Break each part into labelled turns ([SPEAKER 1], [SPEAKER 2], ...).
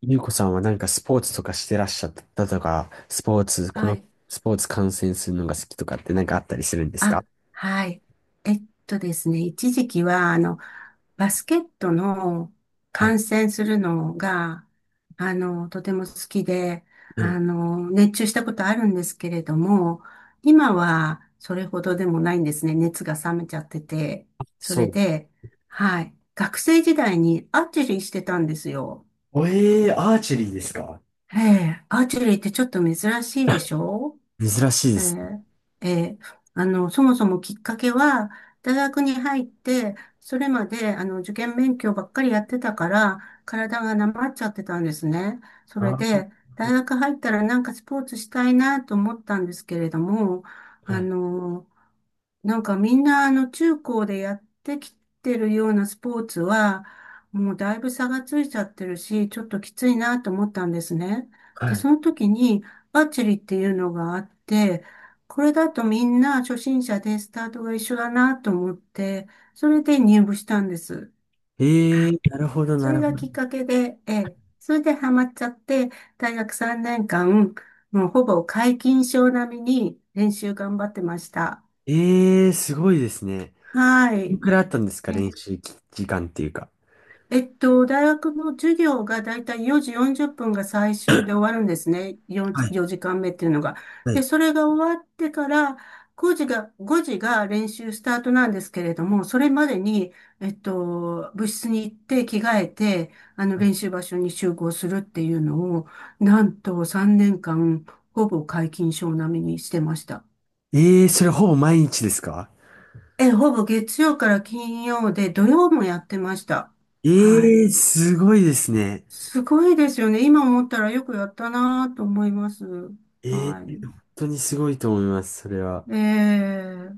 [SPEAKER 1] ゆうこさんはなんかスポーツとかしてらっしゃったとか、スポーツ、こ
[SPEAKER 2] は
[SPEAKER 1] の
[SPEAKER 2] い。
[SPEAKER 1] スポーツ観戦するのが好きとかってなんかあったりするんですか？
[SPEAKER 2] あ、はい。ですね、一時期は、バスケットの
[SPEAKER 1] はい。
[SPEAKER 2] 観戦するのが、とても好きで、
[SPEAKER 1] うん。
[SPEAKER 2] 熱中したことあるんですけれども、今はそれほどでもないんですね。熱が冷めちゃってて。そ
[SPEAKER 1] そ
[SPEAKER 2] れ
[SPEAKER 1] う。
[SPEAKER 2] で、はい。学生時代にアーチェリーしてたんですよ。
[SPEAKER 1] おえー、アーチェリーですか？
[SPEAKER 2] ええ、アーチェリーってちょっと珍しいでしょ？
[SPEAKER 1] 珍しいで
[SPEAKER 2] え
[SPEAKER 1] すね。
[SPEAKER 2] え、えーそもそもきっかけは、大学に入って、それまで、受験勉強ばっかりやってたから、体がなまっちゃってたんですね。そ
[SPEAKER 1] あ
[SPEAKER 2] れ
[SPEAKER 1] ー、なる
[SPEAKER 2] で、
[SPEAKER 1] ほ
[SPEAKER 2] 大
[SPEAKER 1] ど。
[SPEAKER 2] 学入ったらなんかスポーツしたいなと思ったんですけれども、
[SPEAKER 1] う
[SPEAKER 2] あ
[SPEAKER 1] ん。
[SPEAKER 2] の、なんかみんな中高でやってきてるようなスポーツは、もうだいぶ差がついちゃってるし、ちょっときついなと思ったんですね。で、
[SPEAKER 1] は
[SPEAKER 2] その時にアーチェリーっていうのがあって、これだとみんな初心者でスタートが一緒だなと思って、それで入部したんです。
[SPEAKER 1] い。
[SPEAKER 2] はい。
[SPEAKER 1] なるほど、
[SPEAKER 2] そ
[SPEAKER 1] な
[SPEAKER 2] れ
[SPEAKER 1] るほ
[SPEAKER 2] がきっ
[SPEAKER 1] ど。
[SPEAKER 2] かけで、ええ、それでハマっちゃって、大学3年間、もうほぼ皆勤賞並みに練習頑張ってました。
[SPEAKER 1] すごいですね。
[SPEAKER 2] は
[SPEAKER 1] い
[SPEAKER 2] い。
[SPEAKER 1] くらいあったんですか、練習時間っていうか。
[SPEAKER 2] 大学の授業がだいたい4時40分が最終で終わるんですね。
[SPEAKER 1] はい。
[SPEAKER 2] 4時間目っていうのが。
[SPEAKER 1] は
[SPEAKER 2] で、
[SPEAKER 1] い。
[SPEAKER 2] それが終わってから、9時が、5時が練習スタートなんですけれども、それまでに、部室に行って着替えて、練習場所に集合するっていうのを、なんと3年間、ほぼ皆勤賞並みにしてました。
[SPEAKER 1] それほぼ毎日ですか？
[SPEAKER 2] え、ほぼ月曜から金曜で、土曜もやってました。
[SPEAKER 1] え
[SPEAKER 2] はい。
[SPEAKER 1] すごいですね。
[SPEAKER 2] すごいですよね。今思ったらよくやったなと思います。はい。
[SPEAKER 1] 本当にすごいと思います、それは。
[SPEAKER 2] ええ。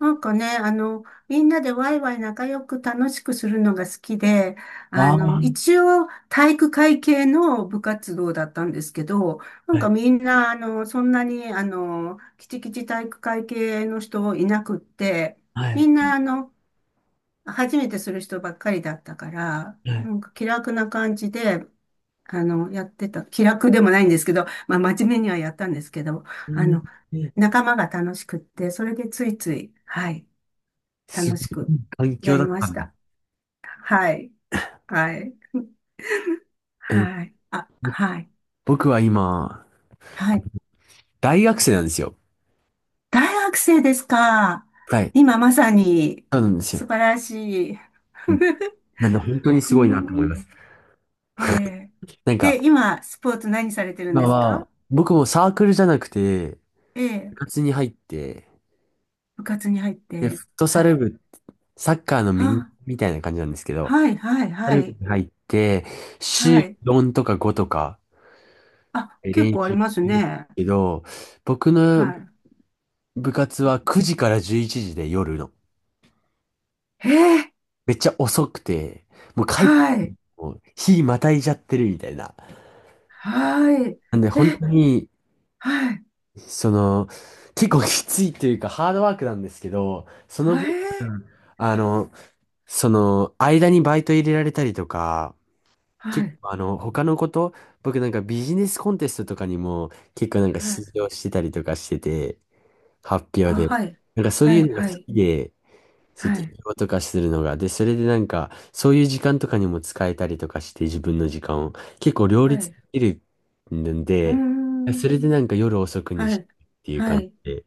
[SPEAKER 2] なんかね、みんなでワイワイ仲良く楽しくするのが好きで、
[SPEAKER 1] ああ。は
[SPEAKER 2] 一応体育会系の部活動だったんですけど、なん
[SPEAKER 1] い
[SPEAKER 2] かみんな、そんなに、きちきち体育会系の人いなくって、
[SPEAKER 1] は
[SPEAKER 2] み
[SPEAKER 1] い。
[SPEAKER 2] んな、初めてする人ばっかりだったから、
[SPEAKER 1] は
[SPEAKER 2] な
[SPEAKER 1] い。
[SPEAKER 2] んか気楽な感じで、やってた、気楽でもないんですけど、まあ、真面目にはやったんですけど、
[SPEAKER 1] え
[SPEAKER 2] あ
[SPEAKER 1] ー
[SPEAKER 2] の、
[SPEAKER 1] えー
[SPEAKER 2] 仲間が楽しくって、それでついつい、はい、
[SPEAKER 1] す
[SPEAKER 2] 楽
[SPEAKER 1] ご
[SPEAKER 2] しく
[SPEAKER 1] い環
[SPEAKER 2] や
[SPEAKER 1] 境だ
[SPEAKER 2] り
[SPEAKER 1] っ
[SPEAKER 2] ま
[SPEAKER 1] た
[SPEAKER 2] し
[SPEAKER 1] んで。
[SPEAKER 2] た。はい、はい、
[SPEAKER 1] えー
[SPEAKER 2] はい、あ、
[SPEAKER 1] ぼ
[SPEAKER 2] はい、
[SPEAKER 1] 僕は今、
[SPEAKER 2] はい。
[SPEAKER 1] 大学生なんですよ。
[SPEAKER 2] 大学生ですか？
[SPEAKER 1] はい。
[SPEAKER 2] 今まさに、
[SPEAKER 1] そうなんですよ。
[SPEAKER 2] 素晴らしい。
[SPEAKER 1] うん。なんで本当に す
[SPEAKER 2] う
[SPEAKER 1] ごいなと思い
[SPEAKER 2] ん、
[SPEAKER 1] ます。
[SPEAKER 2] ええ。
[SPEAKER 1] なんか、
[SPEAKER 2] で、今、スポーツ何されてるん
[SPEAKER 1] 今
[SPEAKER 2] ですか？
[SPEAKER 1] は、僕もサークルじゃなくて、部
[SPEAKER 2] ええ。
[SPEAKER 1] 活に入って、
[SPEAKER 2] 部活に入っ
[SPEAKER 1] で、フ
[SPEAKER 2] て、
[SPEAKER 1] ットサ
[SPEAKER 2] は
[SPEAKER 1] ル
[SPEAKER 2] い。
[SPEAKER 1] 部、サッカーのミニ
[SPEAKER 2] あ、
[SPEAKER 1] みたいな感じなんですけど、
[SPEAKER 2] はい、はい、
[SPEAKER 1] フットサ
[SPEAKER 2] は
[SPEAKER 1] ル部
[SPEAKER 2] い、
[SPEAKER 1] に入って、
[SPEAKER 2] は
[SPEAKER 1] 週
[SPEAKER 2] い。
[SPEAKER 1] 4とか5とか
[SPEAKER 2] あ、結
[SPEAKER 1] 練
[SPEAKER 2] 構あ
[SPEAKER 1] 習
[SPEAKER 2] り
[SPEAKER 1] し
[SPEAKER 2] ます
[SPEAKER 1] てる
[SPEAKER 2] ね。
[SPEAKER 1] けど、僕の
[SPEAKER 2] は
[SPEAKER 1] 部活は9時から11時で、夜の。
[SPEAKER 2] い。えー、
[SPEAKER 1] めっちゃ遅くて、もう帰って
[SPEAKER 2] はい。
[SPEAKER 1] も日またいじゃってるみたいな。
[SPEAKER 2] はい。
[SPEAKER 1] なんで
[SPEAKER 2] え、
[SPEAKER 1] 本当に、
[SPEAKER 2] はい。
[SPEAKER 1] その、結構きついというかハードワークなんですけど、その
[SPEAKER 2] は
[SPEAKER 1] 分、
[SPEAKER 2] い。
[SPEAKER 1] あの、その、間にバイト入れられたりとか、
[SPEAKER 2] は
[SPEAKER 1] 結
[SPEAKER 2] い。
[SPEAKER 1] 構あの、他のこと、僕なんかビジネスコンテストとかにも結構なんか
[SPEAKER 2] はい。
[SPEAKER 1] 出場してたりとかしてて、発表
[SPEAKER 2] あ、
[SPEAKER 1] で。
[SPEAKER 2] はい。
[SPEAKER 1] なんかそう
[SPEAKER 2] は
[SPEAKER 1] いう
[SPEAKER 2] い。
[SPEAKER 1] のが好
[SPEAKER 2] はい。
[SPEAKER 1] きで、
[SPEAKER 2] は
[SPEAKER 1] 式
[SPEAKER 2] い。
[SPEAKER 1] 場とかするのが。で、それでなんか、そういう時間とかにも使えたりとかして、自分の時間を。結構両
[SPEAKER 2] は
[SPEAKER 1] 立
[SPEAKER 2] い。
[SPEAKER 1] できるん
[SPEAKER 2] うー
[SPEAKER 1] で、
[SPEAKER 2] ん。
[SPEAKER 1] それでなんか夜遅くに
[SPEAKER 2] は
[SPEAKER 1] して
[SPEAKER 2] い。
[SPEAKER 1] っていう
[SPEAKER 2] は
[SPEAKER 1] 感じ
[SPEAKER 2] い。
[SPEAKER 1] で。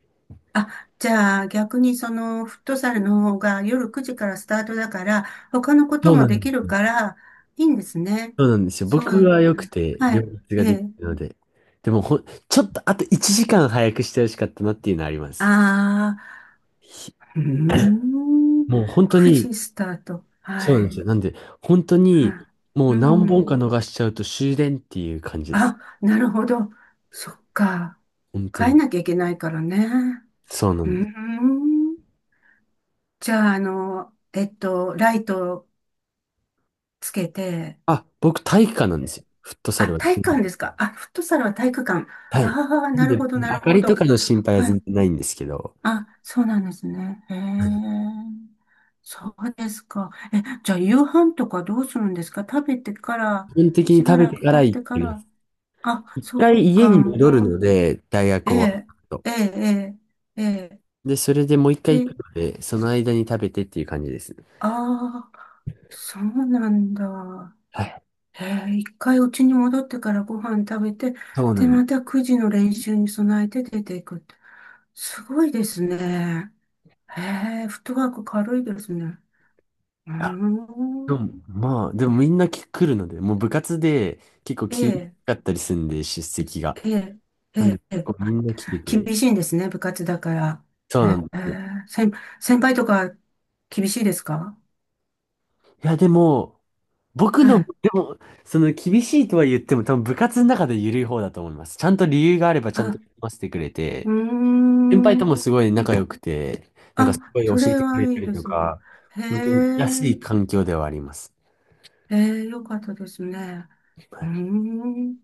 [SPEAKER 2] あ、じゃあ逆にそのフットサルの方が夜9時からスタートだから、他のこと
[SPEAKER 1] そう
[SPEAKER 2] も
[SPEAKER 1] な
[SPEAKER 2] で
[SPEAKER 1] んで
[SPEAKER 2] き
[SPEAKER 1] す
[SPEAKER 2] る
[SPEAKER 1] よ。
[SPEAKER 2] から、いいんですね。
[SPEAKER 1] そうなんですよ。
[SPEAKER 2] そ
[SPEAKER 1] 僕
[SPEAKER 2] う。
[SPEAKER 1] は良くて、
[SPEAKER 2] は
[SPEAKER 1] 両
[SPEAKER 2] い。
[SPEAKER 1] 立
[SPEAKER 2] え
[SPEAKER 1] ができ
[SPEAKER 2] え。
[SPEAKER 1] るので。でもちょっとあと1時間早くしてほしかったなっていうのはあります。
[SPEAKER 2] ああ、
[SPEAKER 1] ひ
[SPEAKER 2] うーん。
[SPEAKER 1] もう本当
[SPEAKER 2] 9
[SPEAKER 1] に、
[SPEAKER 2] 時スタート。
[SPEAKER 1] そう
[SPEAKER 2] は
[SPEAKER 1] なんです
[SPEAKER 2] い。
[SPEAKER 1] よ。なんで、本当
[SPEAKER 2] は
[SPEAKER 1] に、も
[SPEAKER 2] い。
[SPEAKER 1] う
[SPEAKER 2] う
[SPEAKER 1] 何本か
[SPEAKER 2] ん。
[SPEAKER 1] 逃しちゃうと終電っていう感じです。
[SPEAKER 2] あ、なるほど。そっか。
[SPEAKER 1] 本当
[SPEAKER 2] 変え
[SPEAKER 1] に。
[SPEAKER 2] なきゃいけないからね。
[SPEAKER 1] そうな
[SPEAKER 2] う
[SPEAKER 1] んです。
[SPEAKER 2] ん。じゃあ、ライトつけて、
[SPEAKER 1] あ、僕体育館なんですよ。フットサ
[SPEAKER 2] あ、
[SPEAKER 1] ルは。
[SPEAKER 2] 体育館ですか。あ、フットサルは体育館。
[SPEAKER 1] はい。
[SPEAKER 2] ああ、
[SPEAKER 1] なん
[SPEAKER 2] なる
[SPEAKER 1] で、
[SPEAKER 2] ほど、
[SPEAKER 1] 明
[SPEAKER 2] なる
[SPEAKER 1] か
[SPEAKER 2] ほ
[SPEAKER 1] りと
[SPEAKER 2] ど。
[SPEAKER 1] かの心配は
[SPEAKER 2] は
[SPEAKER 1] 全
[SPEAKER 2] い。
[SPEAKER 1] 然ないんですけど、
[SPEAKER 2] あ、そうなんですね。へえ。そうですか。え、じゃあ、夕飯とかどうするんですか？食べてから、
[SPEAKER 1] 基本的に
[SPEAKER 2] し
[SPEAKER 1] 食
[SPEAKER 2] ば
[SPEAKER 1] べ
[SPEAKER 2] ら
[SPEAKER 1] て
[SPEAKER 2] く
[SPEAKER 1] か
[SPEAKER 2] 経
[SPEAKER 1] ら
[SPEAKER 2] っ
[SPEAKER 1] 行っ
[SPEAKER 2] てか
[SPEAKER 1] てま
[SPEAKER 2] ら。
[SPEAKER 1] す。
[SPEAKER 2] あ、
[SPEAKER 1] 一
[SPEAKER 2] そっ
[SPEAKER 1] 回家
[SPEAKER 2] か。
[SPEAKER 1] に
[SPEAKER 2] う
[SPEAKER 1] 戻るの
[SPEAKER 2] ん。
[SPEAKER 1] で、大
[SPEAKER 2] え
[SPEAKER 1] 学終わ
[SPEAKER 2] え、
[SPEAKER 1] ると。
[SPEAKER 2] ええ、ええ、ええ。
[SPEAKER 1] で、それでもう一回行
[SPEAKER 2] で、
[SPEAKER 1] くので、その間に食べてっていう感じですね。
[SPEAKER 2] ああ、そうなんだ。
[SPEAKER 1] はい。
[SPEAKER 2] ええ、一回うちに戻ってからご飯食べて、
[SPEAKER 1] そうな
[SPEAKER 2] で、
[SPEAKER 1] ん
[SPEAKER 2] また9時の練習に備えて出ていくって。すごいですね。ええ、フットワーク軽いですね。うー
[SPEAKER 1] だ。で
[SPEAKER 2] ん。
[SPEAKER 1] も、まあ、でもみんな来るので、もう部活で結構
[SPEAKER 2] え
[SPEAKER 1] 厳し
[SPEAKER 2] え、
[SPEAKER 1] かったりするんで、出席が。
[SPEAKER 2] ええ、え
[SPEAKER 1] なんで、
[SPEAKER 2] え、え
[SPEAKER 1] 結
[SPEAKER 2] え。
[SPEAKER 1] 構み
[SPEAKER 2] あ、
[SPEAKER 1] んな来てく
[SPEAKER 2] 厳
[SPEAKER 1] れる。
[SPEAKER 2] しいんですね、部活だから。
[SPEAKER 1] そうな
[SPEAKER 2] え
[SPEAKER 1] んですよ。
[SPEAKER 2] え、先輩とか厳しいですか？
[SPEAKER 1] いや、でも、僕
[SPEAKER 2] は
[SPEAKER 1] の、で
[SPEAKER 2] い。
[SPEAKER 1] も、その厳しいとは言っても、多分部活の中で緩い方だと思います。ちゃんと理由があればちゃん
[SPEAKER 2] あ、
[SPEAKER 1] と読ませてくれ
[SPEAKER 2] うー
[SPEAKER 1] て、先輩とも
[SPEAKER 2] ん。
[SPEAKER 1] すごい仲良くて、なんかす
[SPEAKER 2] あ、
[SPEAKER 1] ごい教
[SPEAKER 2] そ
[SPEAKER 1] え
[SPEAKER 2] れ
[SPEAKER 1] てく
[SPEAKER 2] は
[SPEAKER 1] れ
[SPEAKER 2] い
[SPEAKER 1] た
[SPEAKER 2] い
[SPEAKER 1] り
[SPEAKER 2] で
[SPEAKER 1] と
[SPEAKER 2] すね。
[SPEAKER 1] か、
[SPEAKER 2] へ
[SPEAKER 1] 本当に安
[SPEAKER 2] え、
[SPEAKER 1] い環境ではあります。
[SPEAKER 2] へえ、よかったですね。
[SPEAKER 1] は
[SPEAKER 2] うー
[SPEAKER 1] い。
[SPEAKER 2] ん。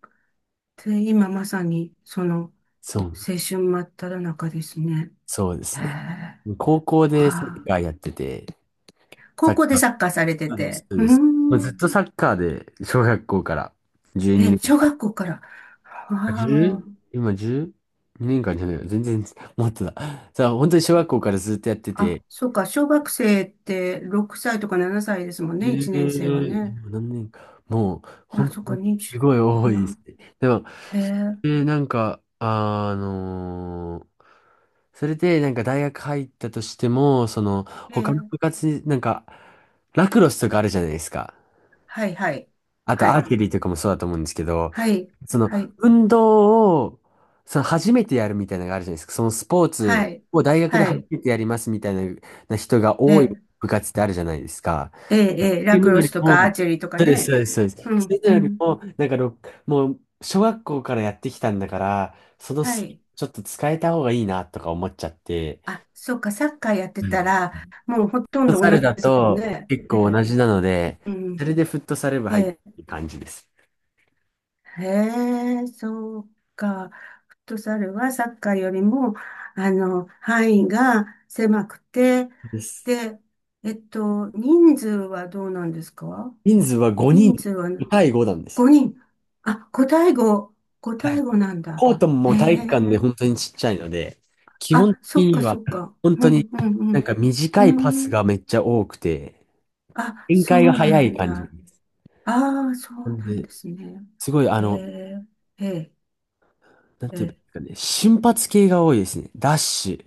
[SPEAKER 2] で、今まさに、その、
[SPEAKER 1] そう、
[SPEAKER 2] 青春真っただ中ですね。
[SPEAKER 1] そうで
[SPEAKER 2] へ
[SPEAKER 1] すね。
[SPEAKER 2] え、
[SPEAKER 1] 高校でサ
[SPEAKER 2] は
[SPEAKER 1] ッ
[SPEAKER 2] あ。
[SPEAKER 1] カーやってて、サ
[SPEAKER 2] 高
[SPEAKER 1] ッ
[SPEAKER 2] 校で
[SPEAKER 1] カー、
[SPEAKER 2] サッカーされて
[SPEAKER 1] そうです、
[SPEAKER 2] て。
[SPEAKER 1] そう
[SPEAKER 2] う
[SPEAKER 1] で
[SPEAKER 2] ー
[SPEAKER 1] す。もうず
[SPEAKER 2] ん。
[SPEAKER 1] っとサッカーで、小学校から12
[SPEAKER 2] え、
[SPEAKER 1] 年
[SPEAKER 2] 小学校から。
[SPEAKER 1] 間。
[SPEAKER 2] は
[SPEAKER 1] 1、今 10? 2年間じゃないよ。全然、もっとだ。さあ、本当に小学校からずっとやって
[SPEAKER 2] あ。あ、
[SPEAKER 1] て、
[SPEAKER 2] そうか。小学生って6歳とか7歳ですもん
[SPEAKER 1] え
[SPEAKER 2] ね。1年生は
[SPEAKER 1] え
[SPEAKER 2] ね。
[SPEAKER 1] 今何年か。もう、
[SPEAKER 2] あ、
[SPEAKER 1] 本
[SPEAKER 2] そっ
[SPEAKER 1] 当
[SPEAKER 2] か、
[SPEAKER 1] に、す
[SPEAKER 2] 20、
[SPEAKER 1] ごい多いで
[SPEAKER 2] 今。
[SPEAKER 1] すね。でも、
[SPEAKER 2] へえ。
[SPEAKER 1] なんか、それで、なんか大学入ったとしても、その、
[SPEAKER 2] へ
[SPEAKER 1] 他の
[SPEAKER 2] え。
[SPEAKER 1] 部活に、なんか、ラクロスとかあるじゃないですか。
[SPEAKER 2] はい、はい、
[SPEAKER 1] あと、
[SPEAKER 2] は
[SPEAKER 1] アー
[SPEAKER 2] い、
[SPEAKER 1] チェリーとかもそうだと思うんですけど、
[SPEAKER 2] はい、
[SPEAKER 1] その、
[SPEAKER 2] はい、
[SPEAKER 1] 運動を、その、初めてやるみたいなのがあるじゃないですか。その、スポー
[SPEAKER 2] は
[SPEAKER 1] ツ
[SPEAKER 2] い、
[SPEAKER 1] を大学で
[SPEAKER 2] は
[SPEAKER 1] 初
[SPEAKER 2] い、
[SPEAKER 1] めてやりますみたいな人が
[SPEAKER 2] え
[SPEAKER 1] 多い
[SPEAKER 2] え、
[SPEAKER 1] 部活ってあるじゃないですか。
[SPEAKER 2] ええ、ええ
[SPEAKER 1] ってい
[SPEAKER 2] ラ
[SPEAKER 1] うの
[SPEAKER 2] ク
[SPEAKER 1] よ
[SPEAKER 2] ロス
[SPEAKER 1] り
[SPEAKER 2] と
[SPEAKER 1] も、
[SPEAKER 2] かアーチェリーとか
[SPEAKER 1] そうです、そ
[SPEAKER 2] ね。
[SPEAKER 1] うです、そうで
[SPEAKER 2] う
[SPEAKER 1] す。そ
[SPEAKER 2] ん、う
[SPEAKER 1] れより
[SPEAKER 2] ん、
[SPEAKER 1] も、なんかろ、もう、小学校からやってきたんだから、その
[SPEAKER 2] は
[SPEAKER 1] スキル
[SPEAKER 2] い。
[SPEAKER 1] ちょっと使えた方がいいなとか思っちゃって。
[SPEAKER 2] あ、そうか、サッカーやって
[SPEAKER 1] う
[SPEAKER 2] た
[SPEAKER 1] ん。
[SPEAKER 2] ら、もうほとん
[SPEAKER 1] フット
[SPEAKER 2] ど
[SPEAKER 1] サ
[SPEAKER 2] 同
[SPEAKER 1] ル
[SPEAKER 2] じ
[SPEAKER 1] だ
[SPEAKER 2] ですもん
[SPEAKER 1] と
[SPEAKER 2] ね。
[SPEAKER 1] 結
[SPEAKER 2] え
[SPEAKER 1] 構同
[SPEAKER 2] え、
[SPEAKER 1] じなので、
[SPEAKER 2] う
[SPEAKER 1] そ
[SPEAKER 2] ん、
[SPEAKER 1] れでフットサル部
[SPEAKER 2] え
[SPEAKER 1] 入って
[SPEAKER 2] え、
[SPEAKER 1] る感じです。
[SPEAKER 2] へえ、そうか。フットサルはサッカーよりも、範囲が狭くて、
[SPEAKER 1] そうです。
[SPEAKER 2] で、人数はどうなんですか？
[SPEAKER 1] 人数は5人、
[SPEAKER 2] 人数は、
[SPEAKER 1] 5対5なんですよ。
[SPEAKER 2] 5人。あ、五対5。五
[SPEAKER 1] はい。
[SPEAKER 2] 対5なんだ。
[SPEAKER 1] コートもも
[SPEAKER 2] へ
[SPEAKER 1] う体育館で
[SPEAKER 2] え。
[SPEAKER 1] 本当にちっちゃいので、基本
[SPEAKER 2] あ、そ
[SPEAKER 1] 的
[SPEAKER 2] っ
[SPEAKER 1] に
[SPEAKER 2] か
[SPEAKER 1] は
[SPEAKER 2] そっか。
[SPEAKER 1] 本
[SPEAKER 2] う
[SPEAKER 1] 当に
[SPEAKER 2] ん、う
[SPEAKER 1] なん
[SPEAKER 2] ん、
[SPEAKER 1] か
[SPEAKER 2] う
[SPEAKER 1] 短いパ
[SPEAKER 2] ん。うー
[SPEAKER 1] ス
[SPEAKER 2] ん。
[SPEAKER 1] がめっちゃ多くて、
[SPEAKER 2] あ、
[SPEAKER 1] 展
[SPEAKER 2] そ
[SPEAKER 1] 開が
[SPEAKER 2] う
[SPEAKER 1] 早
[SPEAKER 2] な
[SPEAKER 1] い
[SPEAKER 2] ん
[SPEAKER 1] 感じで
[SPEAKER 2] だ。
[SPEAKER 1] す。
[SPEAKER 2] ああ、そ
[SPEAKER 1] な
[SPEAKER 2] う
[SPEAKER 1] ん
[SPEAKER 2] なん
[SPEAKER 1] で、
[SPEAKER 2] ですね。
[SPEAKER 1] すごい、あ
[SPEAKER 2] へ
[SPEAKER 1] の、
[SPEAKER 2] え、ええ、
[SPEAKER 1] なん
[SPEAKER 2] え
[SPEAKER 1] ていう
[SPEAKER 2] え。
[SPEAKER 1] かね、瞬発系が多いですね。ダッシュ、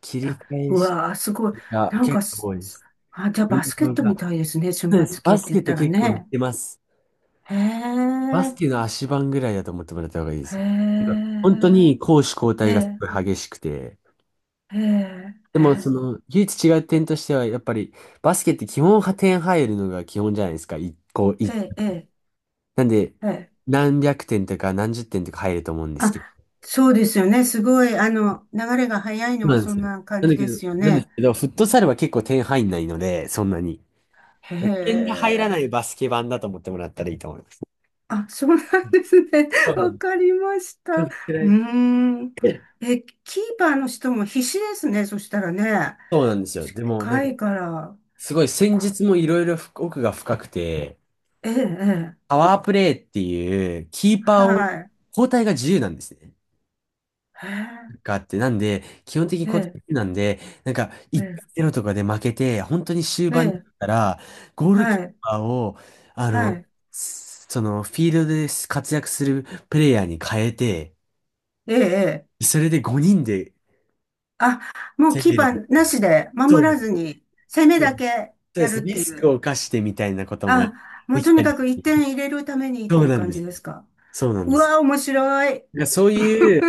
[SPEAKER 1] 切り
[SPEAKER 2] だ
[SPEAKER 1] 返
[SPEAKER 2] う
[SPEAKER 1] し
[SPEAKER 2] わあ、すごい。
[SPEAKER 1] が
[SPEAKER 2] なん
[SPEAKER 1] 結
[SPEAKER 2] か
[SPEAKER 1] 構
[SPEAKER 2] す、
[SPEAKER 1] 多いで
[SPEAKER 2] す
[SPEAKER 1] す。
[SPEAKER 2] あ、じゃあ
[SPEAKER 1] 運
[SPEAKER 2] バスケッ
[SPEAKER 1] 動
[SPEAKER 2] トみ
[SPEAKER 1] が。
[SPEAKER 2] たいですね。瞬
[SPEAKER 1] そうです。
[SPEAKER 2] 発系
[SPEAKER 1] バ
[SPEAKER 2] っ
[SPEAKER 1] ス
[SPEAKER 2] て言
[SPEAKER 1] ケ
[SPEAKER 2] っ
[SPEAKER 1] と
[SPEAKER 2] たら
[SPEAKER 1] 結構似
[SPEAKER 2] ね。
[SPEAKER 1] てます。
[SPEAKER 2] へ
[SPEAKER 1] バス
[SPEAKER 2] え、
[SPEAKER 1] ケの足盤ぐらいだと思ってもらった方がいいで
[SPEAKER 2] へ
[SPEAKER 1] す。今本当に
[SPEAKER 2] え、
[SPEAKER 1] 攻守交
[SPEAKER 2] え
[SPEAKER 1] 代がす
[SPEAKER 2] え、
[SPEAKER 1] ごい激しくて、
[SPEAKER 2] ええ、
[SPEAKER 1] で
[SPEAKER 2] え
[SPEAKER 1] も
[SPEAKER 2] え、
[SPEAKER 1] その、唯一違う点としては、やっぱりバスケって基本は点入るのが基本じゃないですか。一個、一。
[SPEAKER 2] ええ、
[SPEAKER 1] なんで、
[SPEAKER 2] ええ。
[SPEAKER 1] 何百点とか何十点とか入ると思うんですけど、
[SPEAKER 2] あ、そうですよね。すごい、流れが
[SPEAKER 1] そ
[SPEAKER 2] 早い
[SPEAKER 1] う
[SPEAKER 2] のは
[SPEAKER 1] なんで
[SPEAKER 2] そ
[SPEAKER 1] す
[SPEAKER 2] ん
[SPEAKER 1] よ。
[SPEAKER 2] な感じですよ
[SPEAKER 1] なんです
[SPEAKER 2] ね。
[SPEAKER 1] けど、フットサルは結構点入んないので、そんなに。
[SPEAKER 2] へ
[SPEAKER 1] 点が入らないバ
[SPEAKER 2] え。
[SPEAKER 1] スケ版だと思ってもらったらいいと思います。
[SPEAKER 2] あ、そうなんですね。
[SPEAKER 1] 多
[SPEAKER 2] わ
[SPEAKER 1] 分
[SPEAKER 2] かりました。うー
[SPEAKER 1] 嫌
[SPEAKER 2] ん。
[SPEAKER 1] い
[SPEAKER 2] え、キーパーの人も必死ですね。そしたらね。
[SPEAKER 1] そうなんですよ。でも、なん
[SPEAKER 2] 近
[SPEAKER 1] か、
[SPEAKER 2] いから。
[SPEAKER 1] すごい戦
[SPEAKER 2] こ
[SPEAKER 1] 術もいろいろ奥が深くて、
[SPEAKER 2] ええ、ええ、
[SPEAKER 1] パワープレイっていう、キーパーを、
[SPEAKER 2] はい。
[SPEAKER 1] 交代が自由なんですね。
[SPEAKER 2] へ
[SPEAKER 1] があって、なんで、基本的に固定
[SPEAKER 2] え、
[SPEAKER 1] なんで、なんか、
[SPEAKER 2] ええ、
[SPEAKER 1] 1-0とかで負けて、本当に終
[SPEAKER 2] え
[SPEAKER 1] 盤にな
[SPEAKER 2] え、ええ。
[SPEAKER 1] ったら、ゴール
[SPEAKER 2] は
[SPEAKER 1] キー
[SPEAKER 2] い、
[SPEAKER 1] パーを、あ
[SPEAKER 2] は
[SPEAKER 1] の、
[SPEAKER 2] い。
[SPEAKER 1] その、フィールドで活躍するプレイヤーに変えて、
[SPEAKER 2] ええ、ええ。
[SPEAKER 1] それで5人で
[SPEAKER 2] あ、もう
[SPEAKER 1] 攻
[SPEAKER 2] キー
[SPEAKER 1] め
[SPEAKER 2] パ
[SPEAKER 1] る。
[SPEAKER 2] ーなしで
[SPEAKER 1] そ
[SPEAKER 2] 守
[SPEAKER 1] うで
[SPEAKER 2] ら
[SPEAKER 1] す。
[SPEAKER 2] ずに攻め
[SPEAKER 1] そう
[SPEAKER 2] だけ
[SPEAKER 1] で
[SPEAKER 2] やる
[SPEAKER 1] す。
[SPEAKER 2] っ
[SPEAKER 1] リ
[SPEAKER 2] てい
[SPEAKER 1] スク
[SPEAKER 2] う。
[SPEAKER 1] を冒してみたいなことも
[SPEAKER 2] あ、も
[SPEAKER 1] で
[SPEAKER 2] う
[SPEAKER 1] き
[SPEAKER 2] とに
[SPEAKER 1] たり
[SPEAKER 2] か
[SPEAKER 1] し
[SPEAKER 2] く一
[SPEAKER 1] て。
[SPEAKER 2] 点入れるためにっ
[SPEAKER 1] そ
[SPEAKER 2] て
[SPEAKER 1] う
[SPEAKER 2] いう
[SPEAKER 1] なん
[SPEAKER 2] 感
[SPEAKER 1] で
[SPEAKER 2] じ
[SPEAKER 1] す。
[SPEAKER 2] ですか？
[SPEAKER 1] そうなんで
[SPEAKER 2] う
[SPEAKER 1] す。
[SPEAKER 2] わ、面白い。
[SPEAKER 1] なんからそう いう、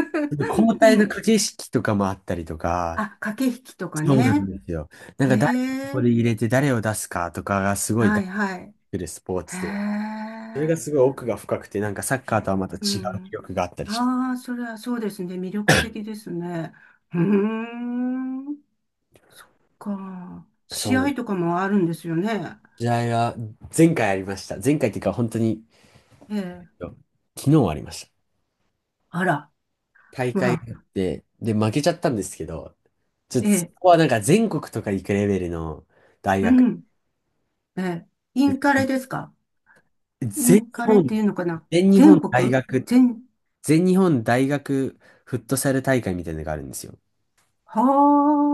[SPEAKER 1] 交
[SPEAKER 2] う
[SPEAKER 1] 代の
[SPEAKER 2] ん。
[SPEAKER 1] 駆け引きとかもあったりとか、
[SPEAKER 2] あ、駆け引きとか
[SPEAKER 1] そうなん
[SPEAKER 2] ね。
[SPEAKER 1] ですよ。なん
[SPEAKER 2] へ
[SPEAKER 1] か誰をここ
[SPEAKER 2] え。
[SPEAKER 1] で入れて誰を出すかとかがすごい
[SPEAKER 2] は
[SPEAKER 1] 大
[SPEAKER 2] い
[SPEAKER 1] 事になっ
[SPEAKER 2] は
[SPEAKER 1] て
[SPEAKER 2] い。
[SPEAKER 1] くるスポー
[SPEAKER 2] へ
[SPEAKER 1] ツで、それが
[SPEAKER 2] え。
[SPEAKER 1] すごい奥が深くて、なんかサッカーとはまた違う
[SPEAKER 2] う
[SPEAKER 1] 魅
[SPEAKER 2] ん。
[SPEAKER 1] 力があったりし
[SPEAKER 2] ああ、それはそうですね。魅力的ですね。うーん。か。
[SPEAKER 1] ます。
[SPEAKER 2] 試
[SPEAKER 1] そ
[SPEAKER 2] 合
[SPEAKER 1] う。
[SPEAKER 2] とかもあるんですよね？
[SPEAKER 1] 試合が前回ありました。前回っていうか本当に
[SPEAKER 2] ええ。
[SPEAKER 1] 昨日ありました。
[SPEAKER 2] あら。
[SPEAKER 1] 大会が
[SPEAKER 2] わ。
[SPEAKER 1] あって、で、負けちゃったんですけど、ちょっ
[SPEAKER 2] え
[SPEAKER 1] とそ
[SPEAKER 2] え。
[SPEAKER 1] こはなんか全国とか行くレベルの大
[SPEAKER 2] う
[SPEAKER 1] 学。
[SPEAKER 2] ん。ええ。イ
[SPEAKER 1] で、
[SPEAKER 2] ンカレですか？イ
[SPEAKER 1] 全
[SPEAKER 2] ン
[SPEAKER 1] 日
[SPEAKER 2] カレっ
[SPEAKER 1] 本、
[SPEAKER 2] ていうのかな？
[SPEAKER 1] 全日
[SPEAKER 2] 全
[SPEAKER 1] 本大
[SPEAKER 2] 国、
[SPEAKER 1] 学、
[SPEAKER 2] 全、
[SPEAKER 1] 全日本大学フットサル大会みたいなのがあるんですよ。
[SPEAKER 2] は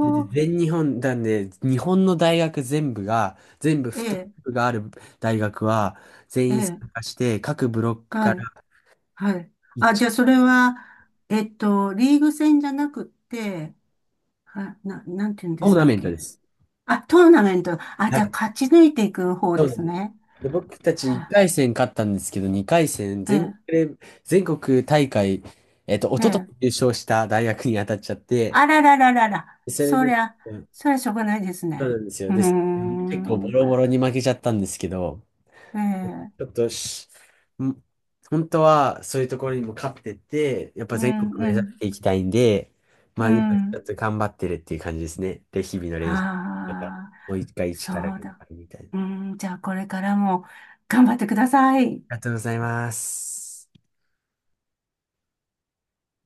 [SPEAKER 1] で
[SPEAKER 2] あ、
[SPEAKER 1] 全日本なんで、日本の大学全部が、全部
[SPEAKER 2] え
[SPEAKER 1] フットサ
[SPEAKER 2] え、
[SPEAKER 1] ルがある大学は、全
[SPEAKER 2] え
[SPEAKER 1] 員
[SPEAKER 2] え、
[SPEAKER 1] 参加して、各ブロック
[SPEAKER 2] は
[SPEAKER 1] から
[SPEAKER 2] い、はい。あ、じ
[SPEAKER 1] 1、
[SPEAKER 2] ゃあそれは、リーグ戦じゃなくって、なんて言うんで
[SPEAKER 1] ト
[SPEAKER 2] し
[SPEAKER 1] ーナ
[SPEAKER 2] たっ
[SPEAKER 1] メントで
[SPEAKER 2] け？
[SPEAKER 1] す。
[SPEAKER 2] あ、トーナメント。あ、
[SPEAKER 1] は
[SPEAKER 2] じゃあ
[SPEAKER 1] い。
[SPEAKER 2] 勝ち抜いていく方ですね。
[SPEAKER 1] で、僕たち
[SPEAKER 2] は
[SPEAKER 1] 1回戦勝ったんですけど、2回戦、
[SPEAKER 2] あ、え
[SPEAKER 1] 全国大会、
[SPEAKER 2] え、
[SPEAKER 1] 一
[SPEAKER 2] え
[SPEAKER 1] 昨
[SPEAKER 2] え。
[SPEAKER 1] 年優勝した大学に当たっちゃって、
[SPEAKER 2] あららららら。
[SPEAKER 1] でそれ
[SPEAKER 2] そり
[SPEAKER 1] で、
[SPEAKER 2] ゃ、
[SPEAKER 1] うん、
[SPEAKER 2] そりゃしょうがないです
[SPEAKER 1] そう
[SPEAKER 2] ね。
[SPEAKER 1] なんですよ。
[SPEAKER 2] うー
[SPEAKER 1] で、結構ボ
[SPEAKER 2] ん、
[SPEAKER 1] ロボロに負けちゃったんですけど、
[SPEAKER 2] ええ、
[SPEAKER 1] ちょっとし、ん本当はそういうところにも勝ってって、やっ
[SPEAKER 2] う
[SPEAKER 1] ぱ全国
[SPEAKER 2] ん、う
[SPEAKER 1] 目指
[SPEAKER 2] ん、
[SPEAKER 1] していきたいんで、ま
[SPEAKER 2] う
[SPEAKER 1] あ今ちょ
[SPEAKER 2] ん。
[SPEAKER 1] っと頑張ってるっていう感じですね。で、日々の練習。また、
[SPEAKER 2] はあ。
[SPEAKER 1] もう一回
[SPEAKER 2] そ
[SPEAKER 1] 力が
[SPEAKER 2] うだ。
[SPEAKER 1] あるみたいな。あ
[SPEAKER 2] うん、じゃあこれからも頑張ってください。
[SPEAKER 1] りがとうございます。